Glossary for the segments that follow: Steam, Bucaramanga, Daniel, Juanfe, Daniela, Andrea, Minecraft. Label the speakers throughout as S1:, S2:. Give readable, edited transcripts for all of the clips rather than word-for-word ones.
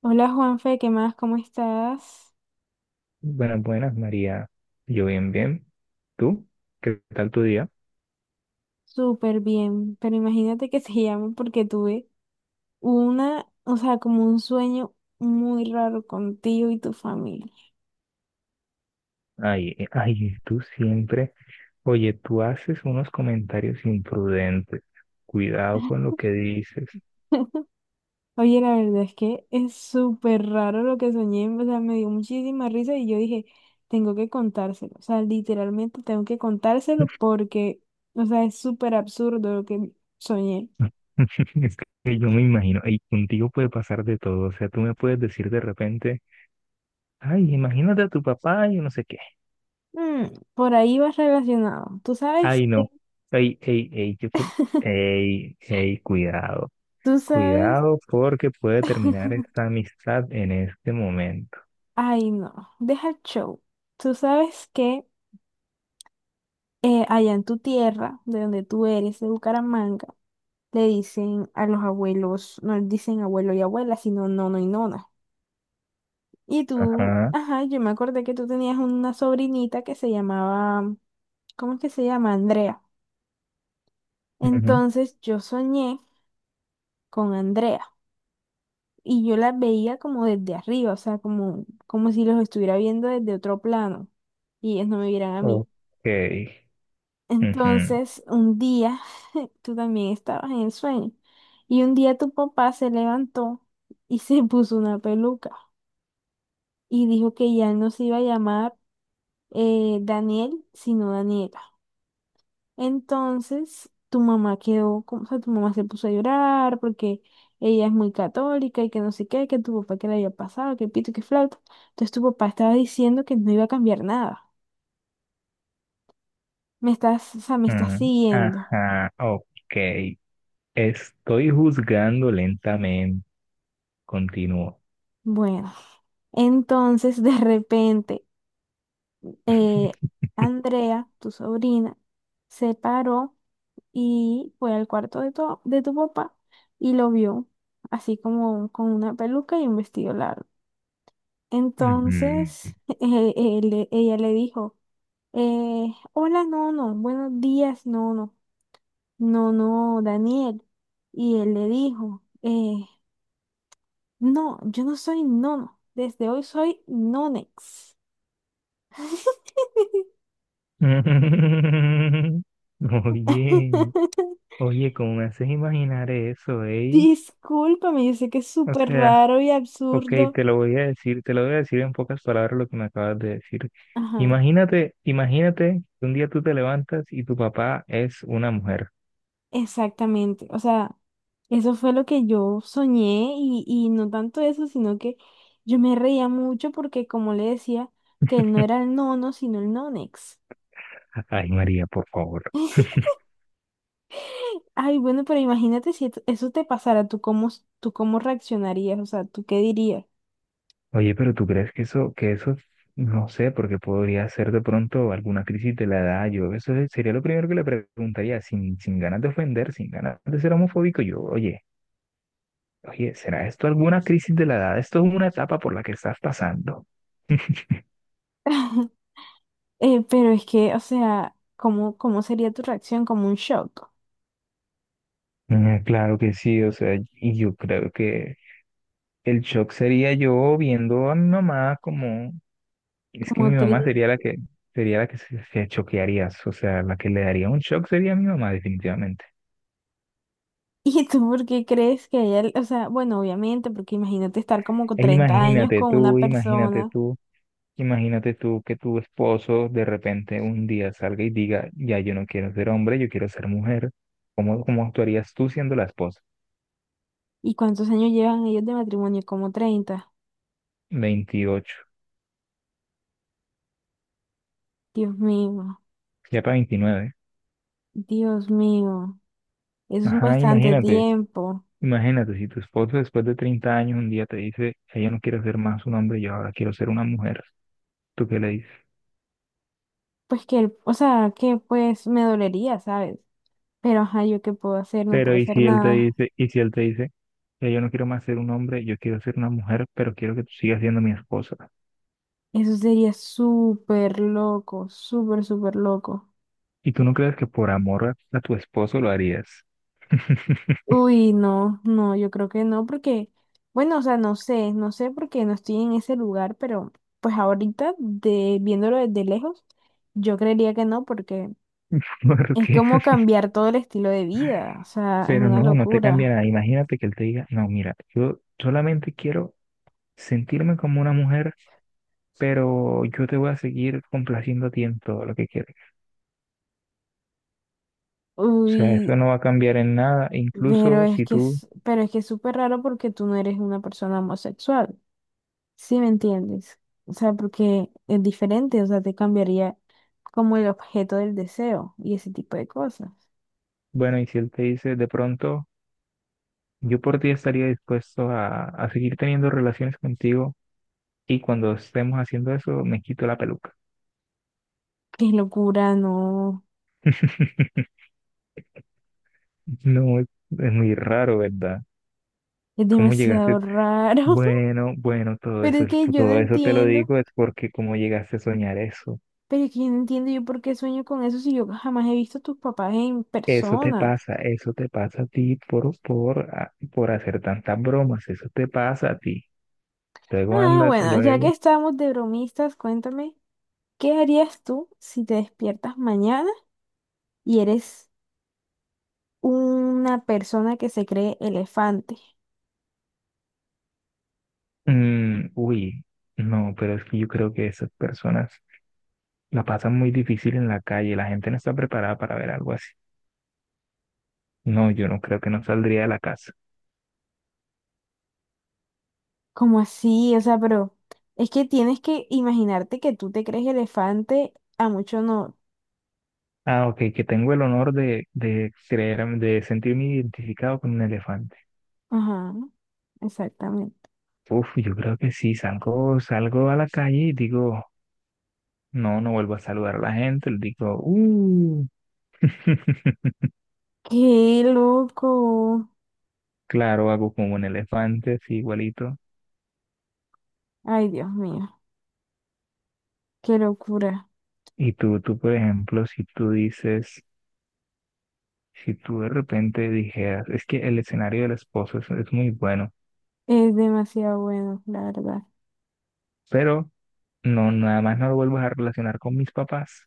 S1: Hola Juanfe, ¿qué más? ¿Cómo estás?
S2: Buenas, buenas, María. Yo bien, bien. ¿Tú? ¿Qué tal tu día?
S1: Súper bien, pero imagínate que se llama porque tuve una, o sea, como un sueño muy raro contigo y tu familia.
S2: Ay, ay, tú siempre. Oye, tú haces unos comentarios imprudentes. Cuidado con lo que dices.
S1: Oye, la verdad es que es súper raro lo que soñé, o sea, me dio muchísima risa y yo dije, tengo que contárselo, o sea, literalmente tengo que contárselo porque, o sea, es súper absurdo lo que soñé.
S2: Es que yo me imagino, y contigo puede pasar de todo. O sea, tú me puedes decir de repente, ay, imagínate a tu papá y no sé qué.
S1: Mm, por ahí vas relacionado, tú sabes,
S2: Ay, no. Ay, ey, ey, ey, ey, cuidado.
S1: tú sabes.
S2: Cuidado porque puede terminar esta amistad en este momento.
S1: Ay, no, deja el show. Tú sabes que allá en tu tierra, de donde tú eres, de Bucaramanga, le dicen a los abuelos, no les dicen abuelo y abuela, sino nono y nona. Y tú,
S2: Ajá.
S1: ajá, yo me acordé que tú tenías una sobrinita que se llamaba, ¿cómo es que se llama? Andrea.
S2: Ujú.
S1: Entonces yo soñé con Andrea y yo la veía como desde arriba, o sea, como, como si los estuviera viendo desde otro plano y ellos no me vieran a mí.
S2: Ok. Ujú.
S1: Entonces, un día, tú también estabas en el sueño, y un día tu papá se levantó y se puso una peluca y dijo que ya no se iba a llamar Daniel, sino Daniela. Entonces, tu mamá quedó, como- o sea, tu mamá se puso a llorar porque ella es muy católica y que no sé qué, que tu papá que le había pasado, que pito, que flauta. Entonces, tu papá estaba diciendo que no iba a cambiar nada. Me estás, o sea, me estás siguiendo.
S2: Ajá, ok. Estoy juzgando lentamente. Continúo.
S1: Bueno, entonces de repente eh, Andrea, tu sobrina, se paró y fue al cuarto de tu papá y lo vio así como con una peluca y un vestido largo.
S2: Ujú. Mm.
S1: Entonces él- ella le dijo, hola Nono, buenos días Nono, Nono Daniel. Y él le dijo, no, yo no soy Nono, desde hoy soy Nonex.
S2: Oye, oye, ¿cómo me haces imaginar eso, eh?
S1: Discúlpame, yo sé que es
S2: O
S1: súper
S2: sea,
S1: raro y
S2: ok,
S1: absurdo.
S2: te lo voy a decir, te lo voy a decir en pocas palabras lo que me acabas de decir.
S1: Ajá,
S2: Imagínate, imagínate que un día tú te levantas y tu papá es una mujer.
S1: exactamente. O sea, eso fue lo que yo soñé y no tanto eso, sino que yo me reía mucho porque como le decía, que él no era el nono, sino el nonex.
S2: Ay, María, por favor.
S1: Ay, bueno, pero imagínate si esto- eso te pasara, tú cómo reaccionarías? O sea, ¿tú qué dirías?
S2: Oye, pero ¿tú crees que eso, no sé, porque podría ser de pronto alguna crisis de la edad? Sería lo primero que le preguntaría, sin ganas de ofender, sin ganas de ser homofóbico. Yo, oye, oye, ¿será esto alguna crisis de la edad? Esto es una etapa por la que estás pasando.
S1: Pero es que, o sea, ¿cómo, cómo sería tu reacción? ¿Como un shock,
S2: Mm. Claro que sí, o sea, y yo creo que el shock sería yo viendo a mi mamá como, es que
S1: como
S2: mi mamá
S1: triste?
S2: sería la que se choquearía, o sea, la que le daría un shock sería mi mamá definitivamente.
S1: ¿Y tú por qué crees que ella, o sea, bueno, obviamente, porque imagínate estar como con
S2: E
S1: 30 años
S2: imagínate
S1: con una
S2: tú, imagínate
S1: persona?
S2: tú, imagínate tú que tu esposo de repente un día salga y diga, ya yo no quiero ser hombre, yo quiero ser mujer. ¿Cómo, cómo actuarías tú siendo la esposa?
S1: ¿Y cuántos años llevan ellos de matrimonio? Como 30.
S2: 28,
S1: Dios mío,
S2: ya para 29.
S1: Dios mío, eso es
S2: Ajá,
S1: bastante
S2: imagínate,
S1: tiempo.
S2: imagínate si tu esposo después de 30 años un día te dice, ya yo no quiero ser más un hombre, yo ahora quiero ser una mujer. ¿Tú qué le dices?
S1: Pues que, él- o sea, que pues me dolería, ¿sabes? Pero ajá, ¿yo qué puedo hacer? No
S2: Pero
S1: puedo
S2: y
S1: hacer
S2: si él te
S1: nada.
S2: dice, y si él te dice, ya yo no quiero más ser un hombre, yo quiero ser una mujer, pero quiero que tú sigas siendo mi esposa.
S1: Eso sería súper loco, súper, súper loco.
S2: Y tú no crees que por amor a tu esposo lo harías.
S1: Uy, no, no, yo creo que no, porque, bueno, o sea, no sé, no sé porque no estoy en ese lugar, pero pues ahorita, de, viéndolo desde lejos, yo creería que no, porque es
S2: Porque,
S1: como cambiar todo el estilo de vida, o sea, es
S2: pero
S1: una
S2: no, no te cambia
S1: locura.
S2: nada. Imagínate que él te diga, no, mira, yo solamente quiero sentirme como una mujer, pero yo te voy a seguir complaciendo a ti en todo lo que quieres. O sea, eso
S1: Uy,
S2: no va a cambiar en nada.
S1: pero
S2: Incluso
S1: es
S2: si
S1: que
S2: tú,
S1: es, pero es que es súper raro porque tú no eres una persona homosexual, ¿sí me entiendes? O sea, porque es diferente, o sea, te cambiaría como el objeto del deseo y ese tipo de cosas.
S2: bueno, y si él te dice de pronto, yo por ti estaría dispuesto a seguir teniendo relaciones contigo y cuando estemos haciendo eso, me quito la peluca.
S1: Qué locura, no.
S2: No, es muy raro, ¿verdad?
S1: Es
S2: ¿Cómo
S1: demasiado
S2: llegaste?
S1: raro.
S2: Bueno, bueno,
S1: Pero es que yo no
S2: todo eso te lo
S1: entiendo.
S2: digo es porque cómo llegaste a soñar eso.
S1: Pero es que yo no entiendo yo por qué sueño con eso si yo jamás he visto a tus papás en persona.
S2: Eso te pasa a ti por hacer tantas bromas, eso te pasa a ti. Luego
S1: Ah,
S2: anda,
S1: bueno, ya que
S2: luego.
S1: estamos de bromistas, cuéntame, ¿qué harías tú si te despiertas mañana y eres una persona que se cree elefante?
S2: Uy, no, pero es que yo creo que esas personas la pasan muy difícil en la calle, la gente no está preparada para ver algo así. No, yo no creo que no saldría de la casa.
S1: ¿Cómo así? O sea, pero es que tienes que imaginarte que tú te crees elefante, a mucho no.
S2: Ah, ok, que tengo el honor de creer, de sentirme identificado con un elefante.
S1: Ajá, exactamente.
S2: Uf, yo creo que sí, salgo, salgo a la calle y digo, no, no vuelvo a saludar a la gente, le digo,
S1: Qué loco.
S2: claro, hago como un elefante, así igualito.
S1: Ay, Dios mío, qué locura.
S2: Y tú, por ejemplo, si tú dices, si tú de repente dijeras, es que el escenario del esposo es muy bueno,
S1: Es demasiado bueno, la verdad.
S2: pero no, nada más no lo vuelvas a relacionar con mis papás,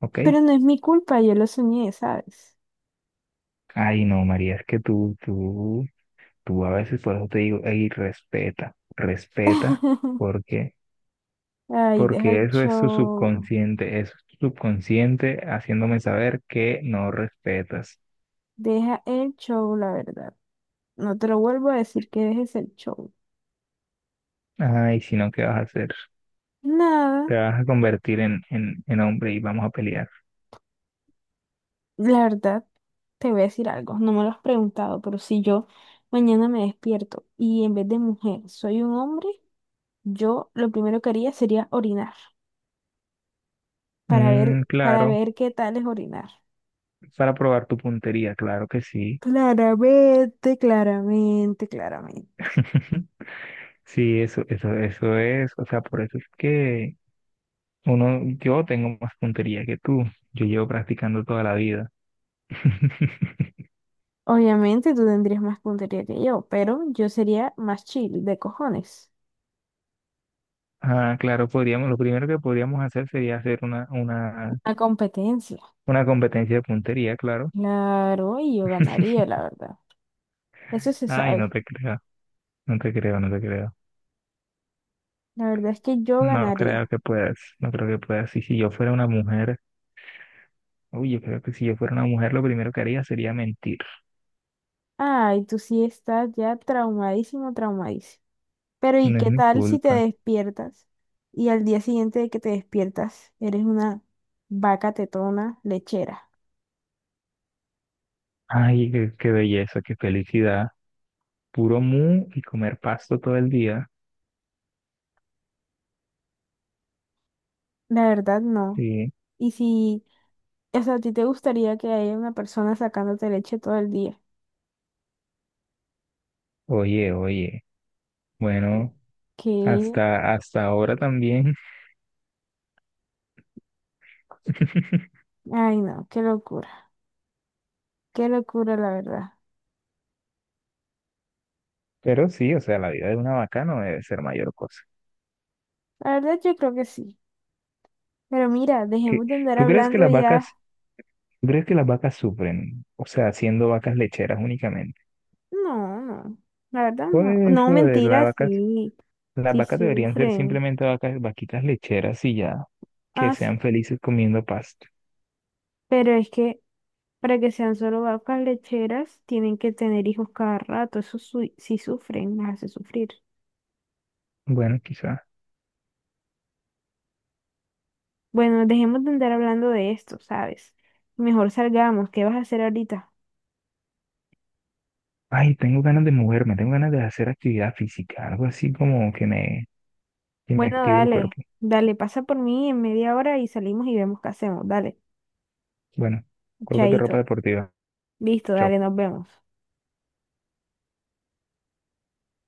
S2: ¿ok?
S1: Pero no es mi culpa, yo lo soñé, ¿sabes?
S2: Ay, no, María, es que tú a veces, por eso te digo, ey, respeta, respeta, porque
S1: Ay, deja
S2: porque
S1: el
S2: eso es tu
S1: show.
S2: subconsciente, eso es tu subconsciente haciéndome saber que no respetas.
S1: Deja el show, la verdad. No te lo vuelvo a decir que dejes el show.
S2: Ay, si no, ¿qué vas a hacer?
S1: Nada,
S2: Te vas a convertir en hombre y vamos a pelear.
S1: la verdad, te voy a decir algo. No me lo has preguntado, pero si yo mañana me despierto y en vez de mujer soy un hombre, yo lo primero que haría sería orinar,
S2: Mm,
S1: para
S2: claro,
S1: ver qué tal es orinar.
S2: para probar tu puntería, claro que sí.
S1: Claramente, claramente, claramente.
S2: Sí, eso es, o sea, por eso es que uno, yo tengo más puntería que tú. Yo llevo practicando toda la vida.
S1: Obviamente tú tendrías más puntería que yo, pero yo sería más chill de cojones.
S2: Ah, claro, podríamos, lo primero que podríamos hacer sería hacer
S1: La competencia.
S2: una competencia de puntería, claro.
S1: Claro, y yo ganaría, la verdad. Eso se
S2: Ay,
S1: sabe.
S2: no te creo, no te creo, no te creo.
S1: La verdad es que yo
S2: No creo
S1: ganaría.
S2: que puedas, no creo que puedas. Y si yo fuera una mujer, uy, yo creo que si yo fuera una mujer, lo primero que haría sería mentir.
S1: Ay, tú sí estás ya traumadísimo, traumadísimo. Pero ¿y
S2: No es
S1: qué
S2: mi
S1: tal si te
S2: culpa.
S1: despiertas y al día siguiente de que te despiertas eres una vaca tetona lechera?
S2: Ay, qué, qué belleza, qué felicidad. Puro mu y comer pasto todo el día.
S1: La verdad, no.
S2: Sí.
S1: Y si, o sea, a ti te gustaría que haya una persona sacándote leche todo el día.
S2: Oye, oye. Bueno,
S1: Que,
S2: hasta, hasta ahora también.
S1: ay no, qué locura la verdad.
S2: Pero sí, o sea, la vida de una vaca no debe ser mayor cosa.
S1: La verdad yo creo que sí. Pero mira,
S2: ¿Qué-
S1: dejemos de andar
S2: ¿Tú crees que
S1: hablando
S2: las
S1: ya.
S2: vacas ¿Tú crees que las vacas sufren? O sea, siendo vacas lecheras únicamente.
S1: No, no, la verdad
S2: Por
S1: no. No,
S2: eso de
S1: mentira, sí,
S2: las
S1: sí
S2: vacas deberían ser
S1: sufren.
S2: simplemente vacas, vaquitas lecheras y ya,
S1: Ah,
S2: que
S1: s-
S2: sean felices comiendo pasto.
S1: pero es que para que sean solo vacas lecheras, tienen que tener hijos cada rato. Eso su- sí sufren, las hace sufrir.
S2: Bueno, quizá.
S1: Bueno, dejemos de andar hablando de esto, ¿sabes? Mejor salgamos. ¿Qué vas a hacer ahorita?
S2: Ay, tengo ganas de moverme, tengo ganas de hacer actividad física, algo así como que que me
S1: Bueno,
S2: active el
S1: dale,
S2: cuerpo.
S1: dale, pasa por mí en media hora y salimos y vemos qué hacemos. Dale,
S2: Bueno, colócate ropa
S1: chaito.
S2: deportiva.
S1: Listo, dale,
S2: Chao.
S1: nos vemos.